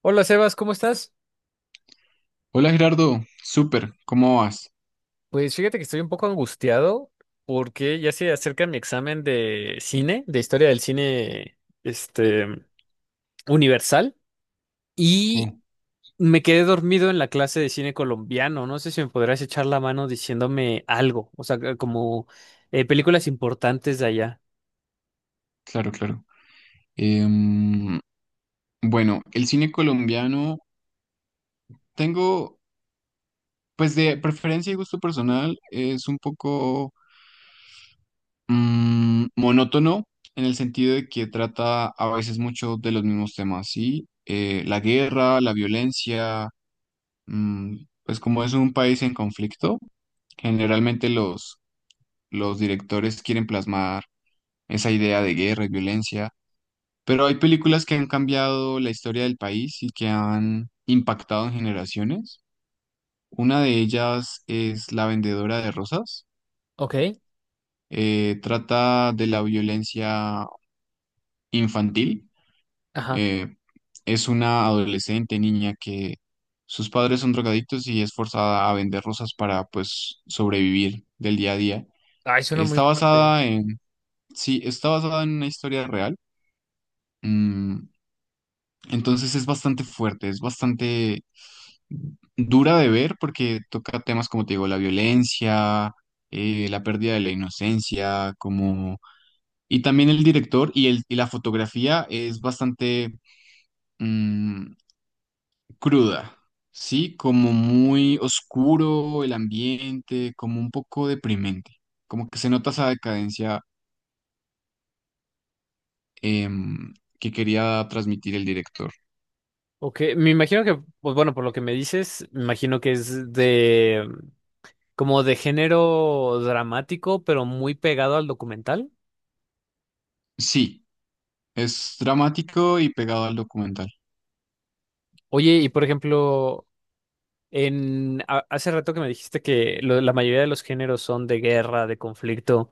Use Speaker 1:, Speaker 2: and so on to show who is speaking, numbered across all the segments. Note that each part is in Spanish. Speaker 1: Hola Sebas, ¿cómo estás?
Speaker 2: Hola Gerardo, súper, ¿cómo vas?
Speaker 1: Pues fíjate que estoy un poco angustiado porque ya se acerca mi examen de cine, de historia del cine, este, universal, y
Speaker 2: Oh,
Speaker 1: me quedé dormido en la clase de cine colombiano. No sé si me podrás echar la mano diciéndome algo, o sea, que como películas importantes de allá.
Speaker 2: claro, claro. Em, bueno, el cine colombiano tengo, pues de preferencia y gusto personal, es un poco monótono en el sentido de que trata a veces mucho de los mismos temas, ¿sí? La guerra, la violencia, mm, pues como es un país en conflicto, generalmente los directores quieren plasmar esa idea de guerra y violencia. Pero hay películas que han cambiado la historia del país y que han impactado en generaciones. Una de ellas es La Vendedora de Rosas.
Speaker 1: Ok.
Speaker 2: Trata de la violencia infantil.
Speaker 1: Ajá.
Speaker 2: Eh, es una adolescente niña que sus padres son drogadictos y es forzada a vender rosas para pues sobrevivir del día a día.
Speaker 1: Ay, suena muy
Speaker 2: Está
Speaker 1: fuerte.
Speaker 2: basada en, sí, está basada en una historia real. Mm, entonces es bastante fuerte, es bastante dura de ver porque toca temas como te digo, la violencia, la pérdida de la inocencia, como... Y también el director y, el, y la fotografía es bastante mm, cruda, ¿sí? Como muy oscuro el ambiente, como un poco deprimente, como que se nota esa decadencia em, que quería transmitir el director.
Speaker 1: Ok, me imagino que, pues bueno, por lo que me dices, me imagino que es de como de género dramático, pero muy pegado al documental.
Speaker 2: Sí, es dramático y pegado al documental.
Speaker 1: Oye, y por ejemplo, hace rato que me dijiste que la mayoría de los géneros son de guerra, de conflicto.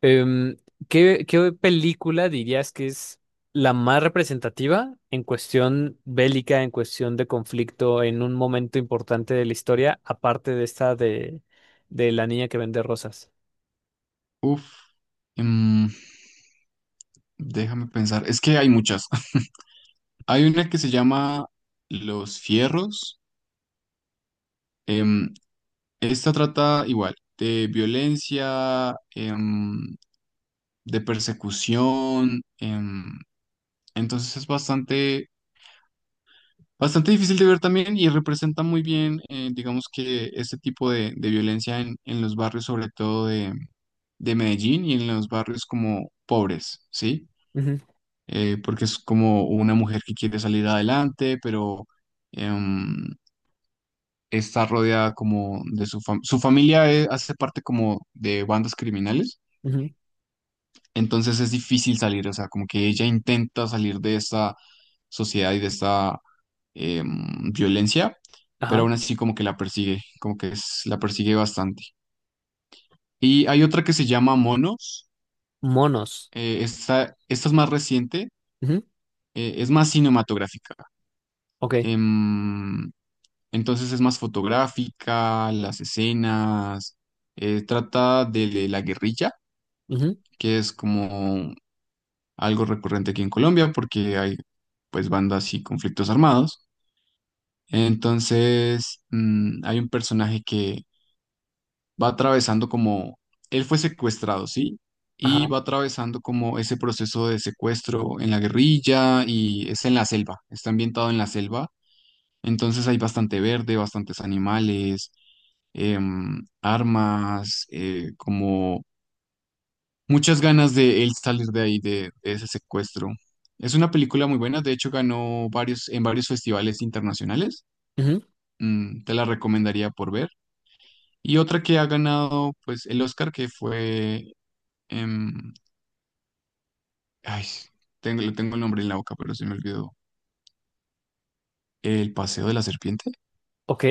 Speaker 1: em, qué película dirías que es la más representativa en cuestión bélica, en cuestión de conflicto, en un momento importante de la historia, aparte de esta de la niña que vende rosas?
Speaker 2: Uf. em, Déjame pensar, es que hay muchas. Hay una que se llama Los Fierros. em, Esta trata igual de violencia, de persecución. Entonces es bastante, bastante difícil de ver también y representa muy bien, digamos que este tipo de violencia en los barrios, sobre todo de Medellín y en los barrios como pobres, ¿sí?
Speaker 1: Ujú,
Speaker 2: Porque es como una mujer que quiere salir adelante, pero... em, está rodeada como de su familia. Su familia hace parte como de bandas criminales,
Speaker 1: ujú,
Speaker 2: entonces es difícil salir, o sea, como que ella intenta salir de esta sociedad y de esta violencia, pero
Speaker 1: ajá.
Speaker 2: aún así como que la persigue, como que la persigue bastante. Y hay otra que se llama Monos,
Speaker 1: Monos.
Speaker 2: esta es más reciente,
Speaker 1: Ujú,
Speaker 2: es más cinematográfica.
Speaker 1: ok.
Speaker 2: em, entonces es más fotográfica, las escenas, trata de la guerrilla
Speaker 1: Ujú,
Speaker 2: que es como algo recurrente aquí en Colombia porque hay pues bandas y conflictos armados. Entonces, hay un personaje que va atravesando como, él fue secuestrado, ¿sí? Y
Speaker 1: ajá.
Speaker 2: va atravesando como ese proceso de secuestro en la guerrilla y es en la selva, está ambientado en la selva. Entonces hay bastante verde, bastantes animales, armas, como muchas ganas de él salir de ahí, de ese secuestro. Es una película muy buena, de hecho ganó varios, en varios festivales internacionales.
Speaker 1: Ujú.
Speaker 2: Te la recomendaría por ver. Y otra que ha ganado pues el Oscar que fue... em, ay, le tengo el nombre en la boca, pero se me olvidó. El Paseo de la Serpiente.
Speaker 1: Ok,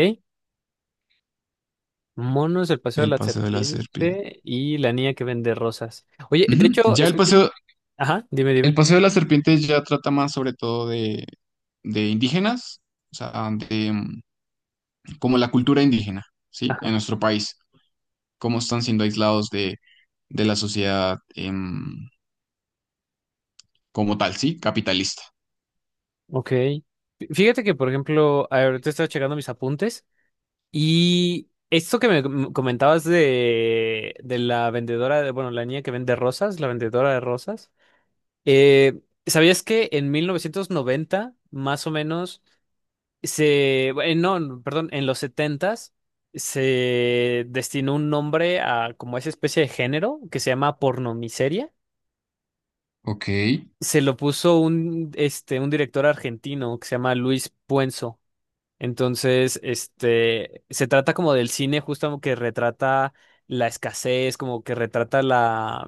Speaker 1: Monos, el paseo de
Speaker 2: El
Speaker 1: la
Speaker 2: Paseo de la Serpiente.
Speaker 1: serpiente y la niña que vende rosas. Oye, de
Speaker 2: Ujú.
Speaker 1: hecho, escucho... Ajá, dime,
Speaker 2: El
Speaker 1: dime.
Speaker 2: Paseo de la Serpiente ya trata más sobre todo de indígenas, o sea, como la cultura indígena, ¿sí? En
Speaker 1: Ajá,
Speaker 2: nuestro país. Cómo están siendo aislados de la sociedad como tal, sí, capitalista.
Speaker 1: ok. Fíjate que, por ejemplo, ahorita estaba checando mis apuntes y esto que me comentabas de la vendedora, de, bueno, la niña que vende rosas, la vendedora de rosas, eh, ¿sabías que en 1990, más o menos, Se, no, perdón, en los setentas se destinó un nombre a como esa especie de género que se llama pornomiseria.
Speaker 2: Ok.
Speaker 1: Se lo puso este, un director argentino que se llama Luis Puenzo. Entonces, este, se trata como del cine justo como que retrata la escasez, como que retrata la,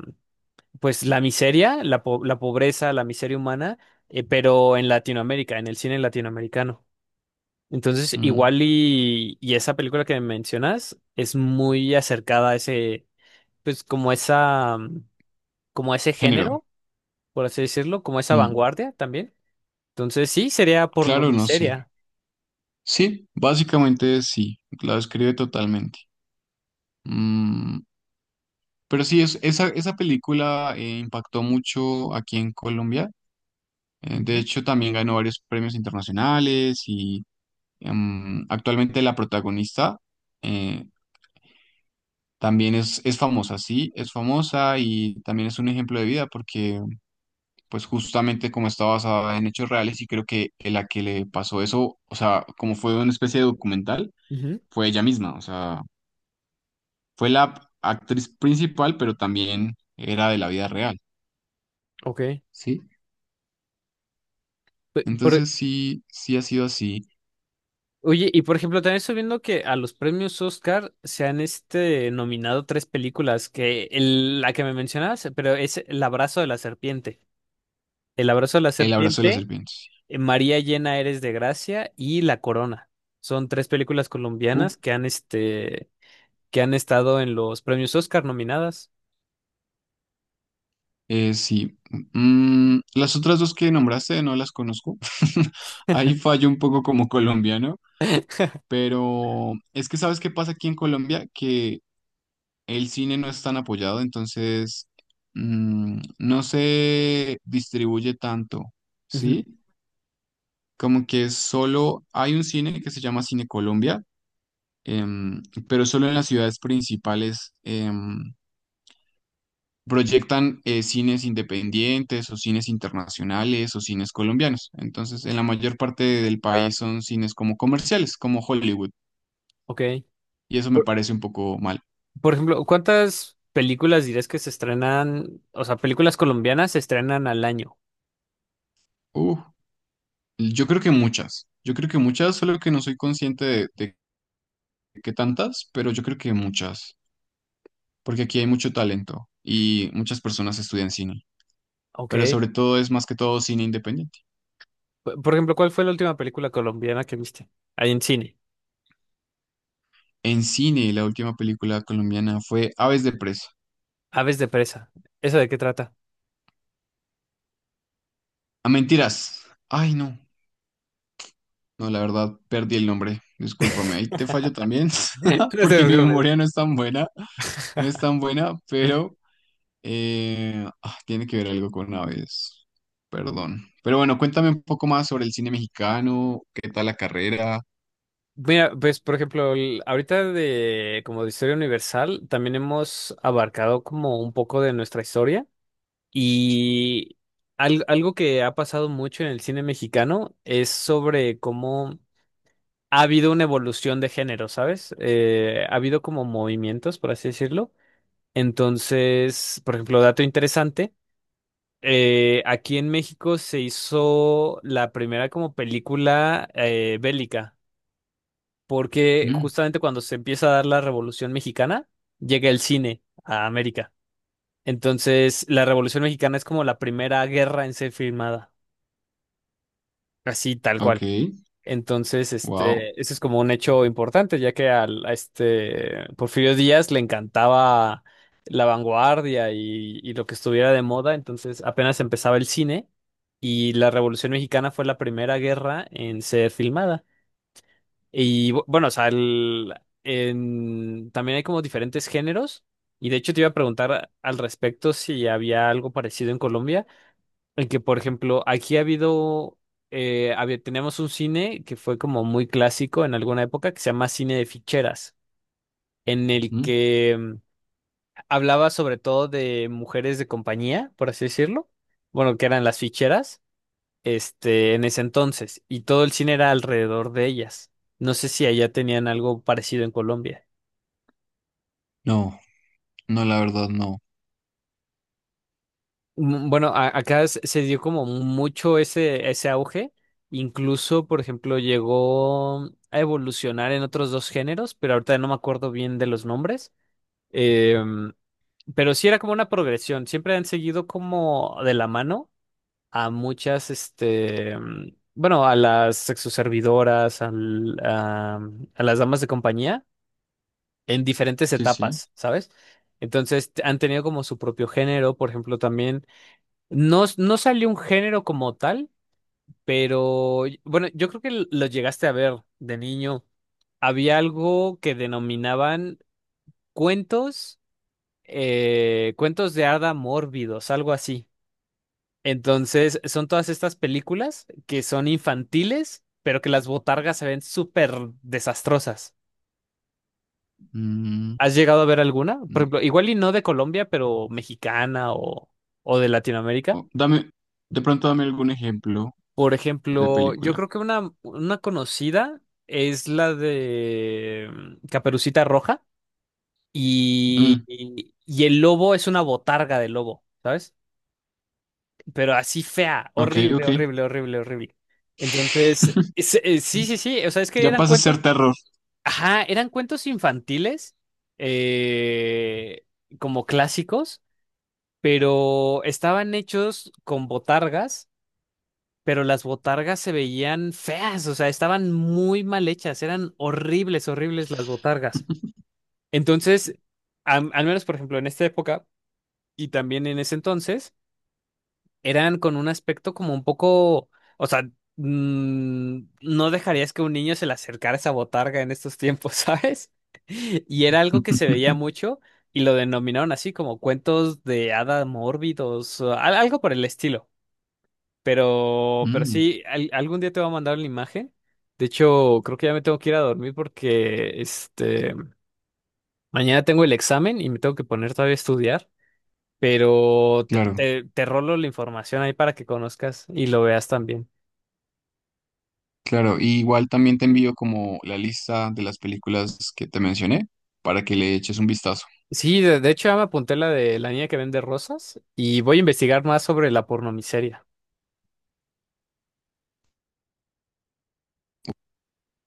Speaker 1: pues la miseria, la pobreza, la miseria humana, pero en Latinoamérica, en el cine latinoamericano. Entonces,
Speaker 2: Mm,
Speaker 1: igual y esa película que mencionas es muy acercada a ese, pues como esa, como ese
Speaker 2: Género.
Speaker 1: género, por así decirlo, como esa
Speaker 2: Mm,
Speaker 1: vanguardia también. Entonces, sí, sería
Speaker 2: Claro, no sé.
Speaker 1: pornomiseria.
Speaker 2: Sí, básicamente sí, la describe totalmente. Mm, Pero sí, esa película impactó mucho aquí en Colombia. De
Speaker 1: Ujú,
Speaker 2: hecho, también ganó varios premios internacionales y actualmente la protagonista eh, también es famosa, sí, es famosa y también es un ejemplo de vida porque pues justamente como está basada en hechos reales y creo que la que le pasó eso, o sea, como fue una especie de documental,
Speaker 1: ujú,
Speaker 2: fue ella misma, o sea, fue la actriz principal, pero también era de la vida real,
Speaker 1: Ok.
Speaker 2: ¿sí?
Speaker 1: Pe- por-
Speaker 2: Entonces sí, sí ha sido así.
Speaker 1: oye, y por ejemplo, también estoy viendo que a los premios Oscar se han nominado tres películas, que la que me mencionabas, pero es El abrazo de la serpiente. El abrazo de la
Speaker 2: El abrazo de las
Speaker 1: serpiente.
Speaker 2: serpientes.
Speaker 1: Eh, María llena eres de gracia y La Corona. Son tres películas
Speaker 2: Uh,
Speaker 1: colombianas que han, este, que han estado en los premios Oscar nominadas.
Speaker 2: sí. Mm, las otras dos que nombraste no las conozco. Ahí fallo un poco como colombiano, pero es que ¿sabes qué pasa aquí en Colombia? Que el cine no es tan apoyado, entonces no se distribuye tanto,
Speaker 1: Ujú.
Speaker 2: ¿sí? Como que solo hay un cine que se llama Cine Colombia, em, pero solo en las ciudades principales proyectan cines independientes o cines internacionales o cines colombianos. Entonces, en la mayor parte del país son cines como comerciales, como Hollywood,
Speaker 1: Ok.
Speaker 2: y eso me parece un poco mal.
Speaker 1: Por ejemplo, ¿cuántas películas dirías que se estrenan, o sea, películas colombianas se estrenan al año?
Speaker 2: Uh, yo creo que muchas. Yo creo que muchas, solo que no soy consciente de que tantas, pero yo creo que muchas, porque aquí hay mucho talento y muchas personas estudian cine, pero
Speaker 1: Ok.
Speaker 2: sobre todo es más que todo cine independiente.
Speaker 1: Por ejemplo, ¿cuál fue la última película colombiana que viste? Ahí en cine.
Speaker 2: En cine, la última película colombiana fue Aves de Presa.
Speaker 1: Aves de presa. ¿Eso de qué trata?
Speaker 2: A mentiras. Ay, no. No, la verdad, perdí el nombre. Discúlpame, ahí te fallo también,
Speaker 1: No te
Speaker 2: porque mi
Speaker 1: preocupes.
Speaker 2: memoria no es tan buena, no es tan buena, pero tiene que ver algo con aves. Perdón. Pero bueno, cuéntame un poco más sobre el cine mexicano, qué tal la carrera.
Speaker 1: Mira, pues por ejemplo, ahorita de como de historia universal, también hemos abarcado como un poco de nuestra historia y algo que ha pasado mucho en el cine mexicano es sobre cómo ha habido una evolución de género, ¿sabes? Ha habido como movimientos, por así decirlo. Entonces, por ejemplo, dato interesante, aquí en México se hizo la primera como película bélica porque
Speaker 2: Mm,
Speaker 1: justamente cuando se empieza a dar la Revolución Mexicana, llega el cine a América. Entonces, la Revolución Mexicana es como la primera guerra en ser filmada, así tal
Speaker 2: ok.
Speaker 1: cual. Entonces,
Speaker 2: Wow.
Speaker 1: este, ese es como un hecho importante, ya que a este Porfirio Díaz le encantaba la vanguardia y lo que estuviera de moda, entonces apenas empezaba el cine y la Revolución Mexicana fue la primera guerra en ser filmada. Bueno, o sea, también hay como diferentes géneros. Y de hecho te iba a preguntar al respecto si había algo parecido en Colombia, en que, por ejemplo, aquí ha habido, teníamos un cine que fue como muy clásico en alguna época, que se llama cine de ficheras, en el que hablaba sobre todo de mujeres de compañía, por así decirlo, bueno, que eran las ficheras este, en ese entonces, y todo el cine era alrededor de ellas. No sé si allá tenían algo parecido en Colombia.
Speaker 2: No, no, la verdad no.
Speaker 1: Bueno, acá se dio como mucho ese, ese auge, incluso, por ejemplo, llegó a evolucionar en otros dos géneros, pero ahorita no me acuerdo bien de los nombres. Em, pero sí era como una progresión, siempre han seguido como de la mano a muchas, este, bueno, a las sexoservidoras, a las damas de compañía en diferentes
Speaker 2: Sí, sí.
Speaker 1: etapas, ¿sabes? Entonces han tenido como su propio género, por ejemplo, también no, no salió un género como tal, pero bueno, yo creo que lo llegaste a ver de niño. Había algo que denominaban cuentos, cuentos de hada mórbidos, algo así. Entonces, son todas estas películas que son infantiles, pero que las botargas se ven súper desastrosas.
Speaker 2: Mm.
Speaker 1: ¿Has llegado a ver alguna? Por
Speaker 2: Mm.
Speaker 1: ejemplo, igual y no de Colombia, pero mexicana o de Latinoamérica.
Speaker 2: Dame, de pronto dame algún ejemplo
Speaker 1: Por
Speaker 2: de
Speaker 1: ejemplo, yo
Speaker 2: película.
Speaker 1: creo que una conocida es la de Caperucita Roja
Speaker 2: Mm,
Speaker 1: y el lobo es una botarga de lobo, ¿sabes? Pero así fea,
Speaker 2: ok,
Speaker 1: horrible,
Speaker 2: ok.
Speaker 1: horrible, horrible, horrible. Entonces, sí, sí, sí, o sea, es que
Speaker 2: Ya
Speaker 1: eran
Speaker 2: pasa a
Speaker 1: cuentos,
Speaker 2: ser terror.
Speaker 1: ajá, eran cuentos infantiles, eh, como clásicos. Pero estaban hechos con botargas, pero las botargas se veían feas, o sea, estaban muy mal hechas, eran horribles, horribles las botargas. Entonces, al menos, por ejemplo, en esta época y también en ese entonces, eran con un aspecto como un poco, o sea, no dejarías que un niño se le acercara esa botarga en estos tiempos, ¿sabes? Y era algo que se veía mucho y lo denominaron así como cuentos de hada mórbidos, o algo por el estilo. Pero
Speaker 2: mm,
Speaker 1: sí, algún día te voy a mandar la imagen. De hecho, creo que ya me tengo que ir a dormir porque este mañana tengo el examen y me tengo que poner todavía a estudiar. Pero
Speaker 2: claro,
Speaker 1: te rolo la información ahí para que conozcas y lo veas también.
Speaker 2: claro. Y igual también te envío como la lista de las películas que te mencioné para que le eches un vistazo.
Speaker 1: Sí, de hecho ya me apunté la de la niña que vende rosas y voy a investigar más sobre la pornomiseria.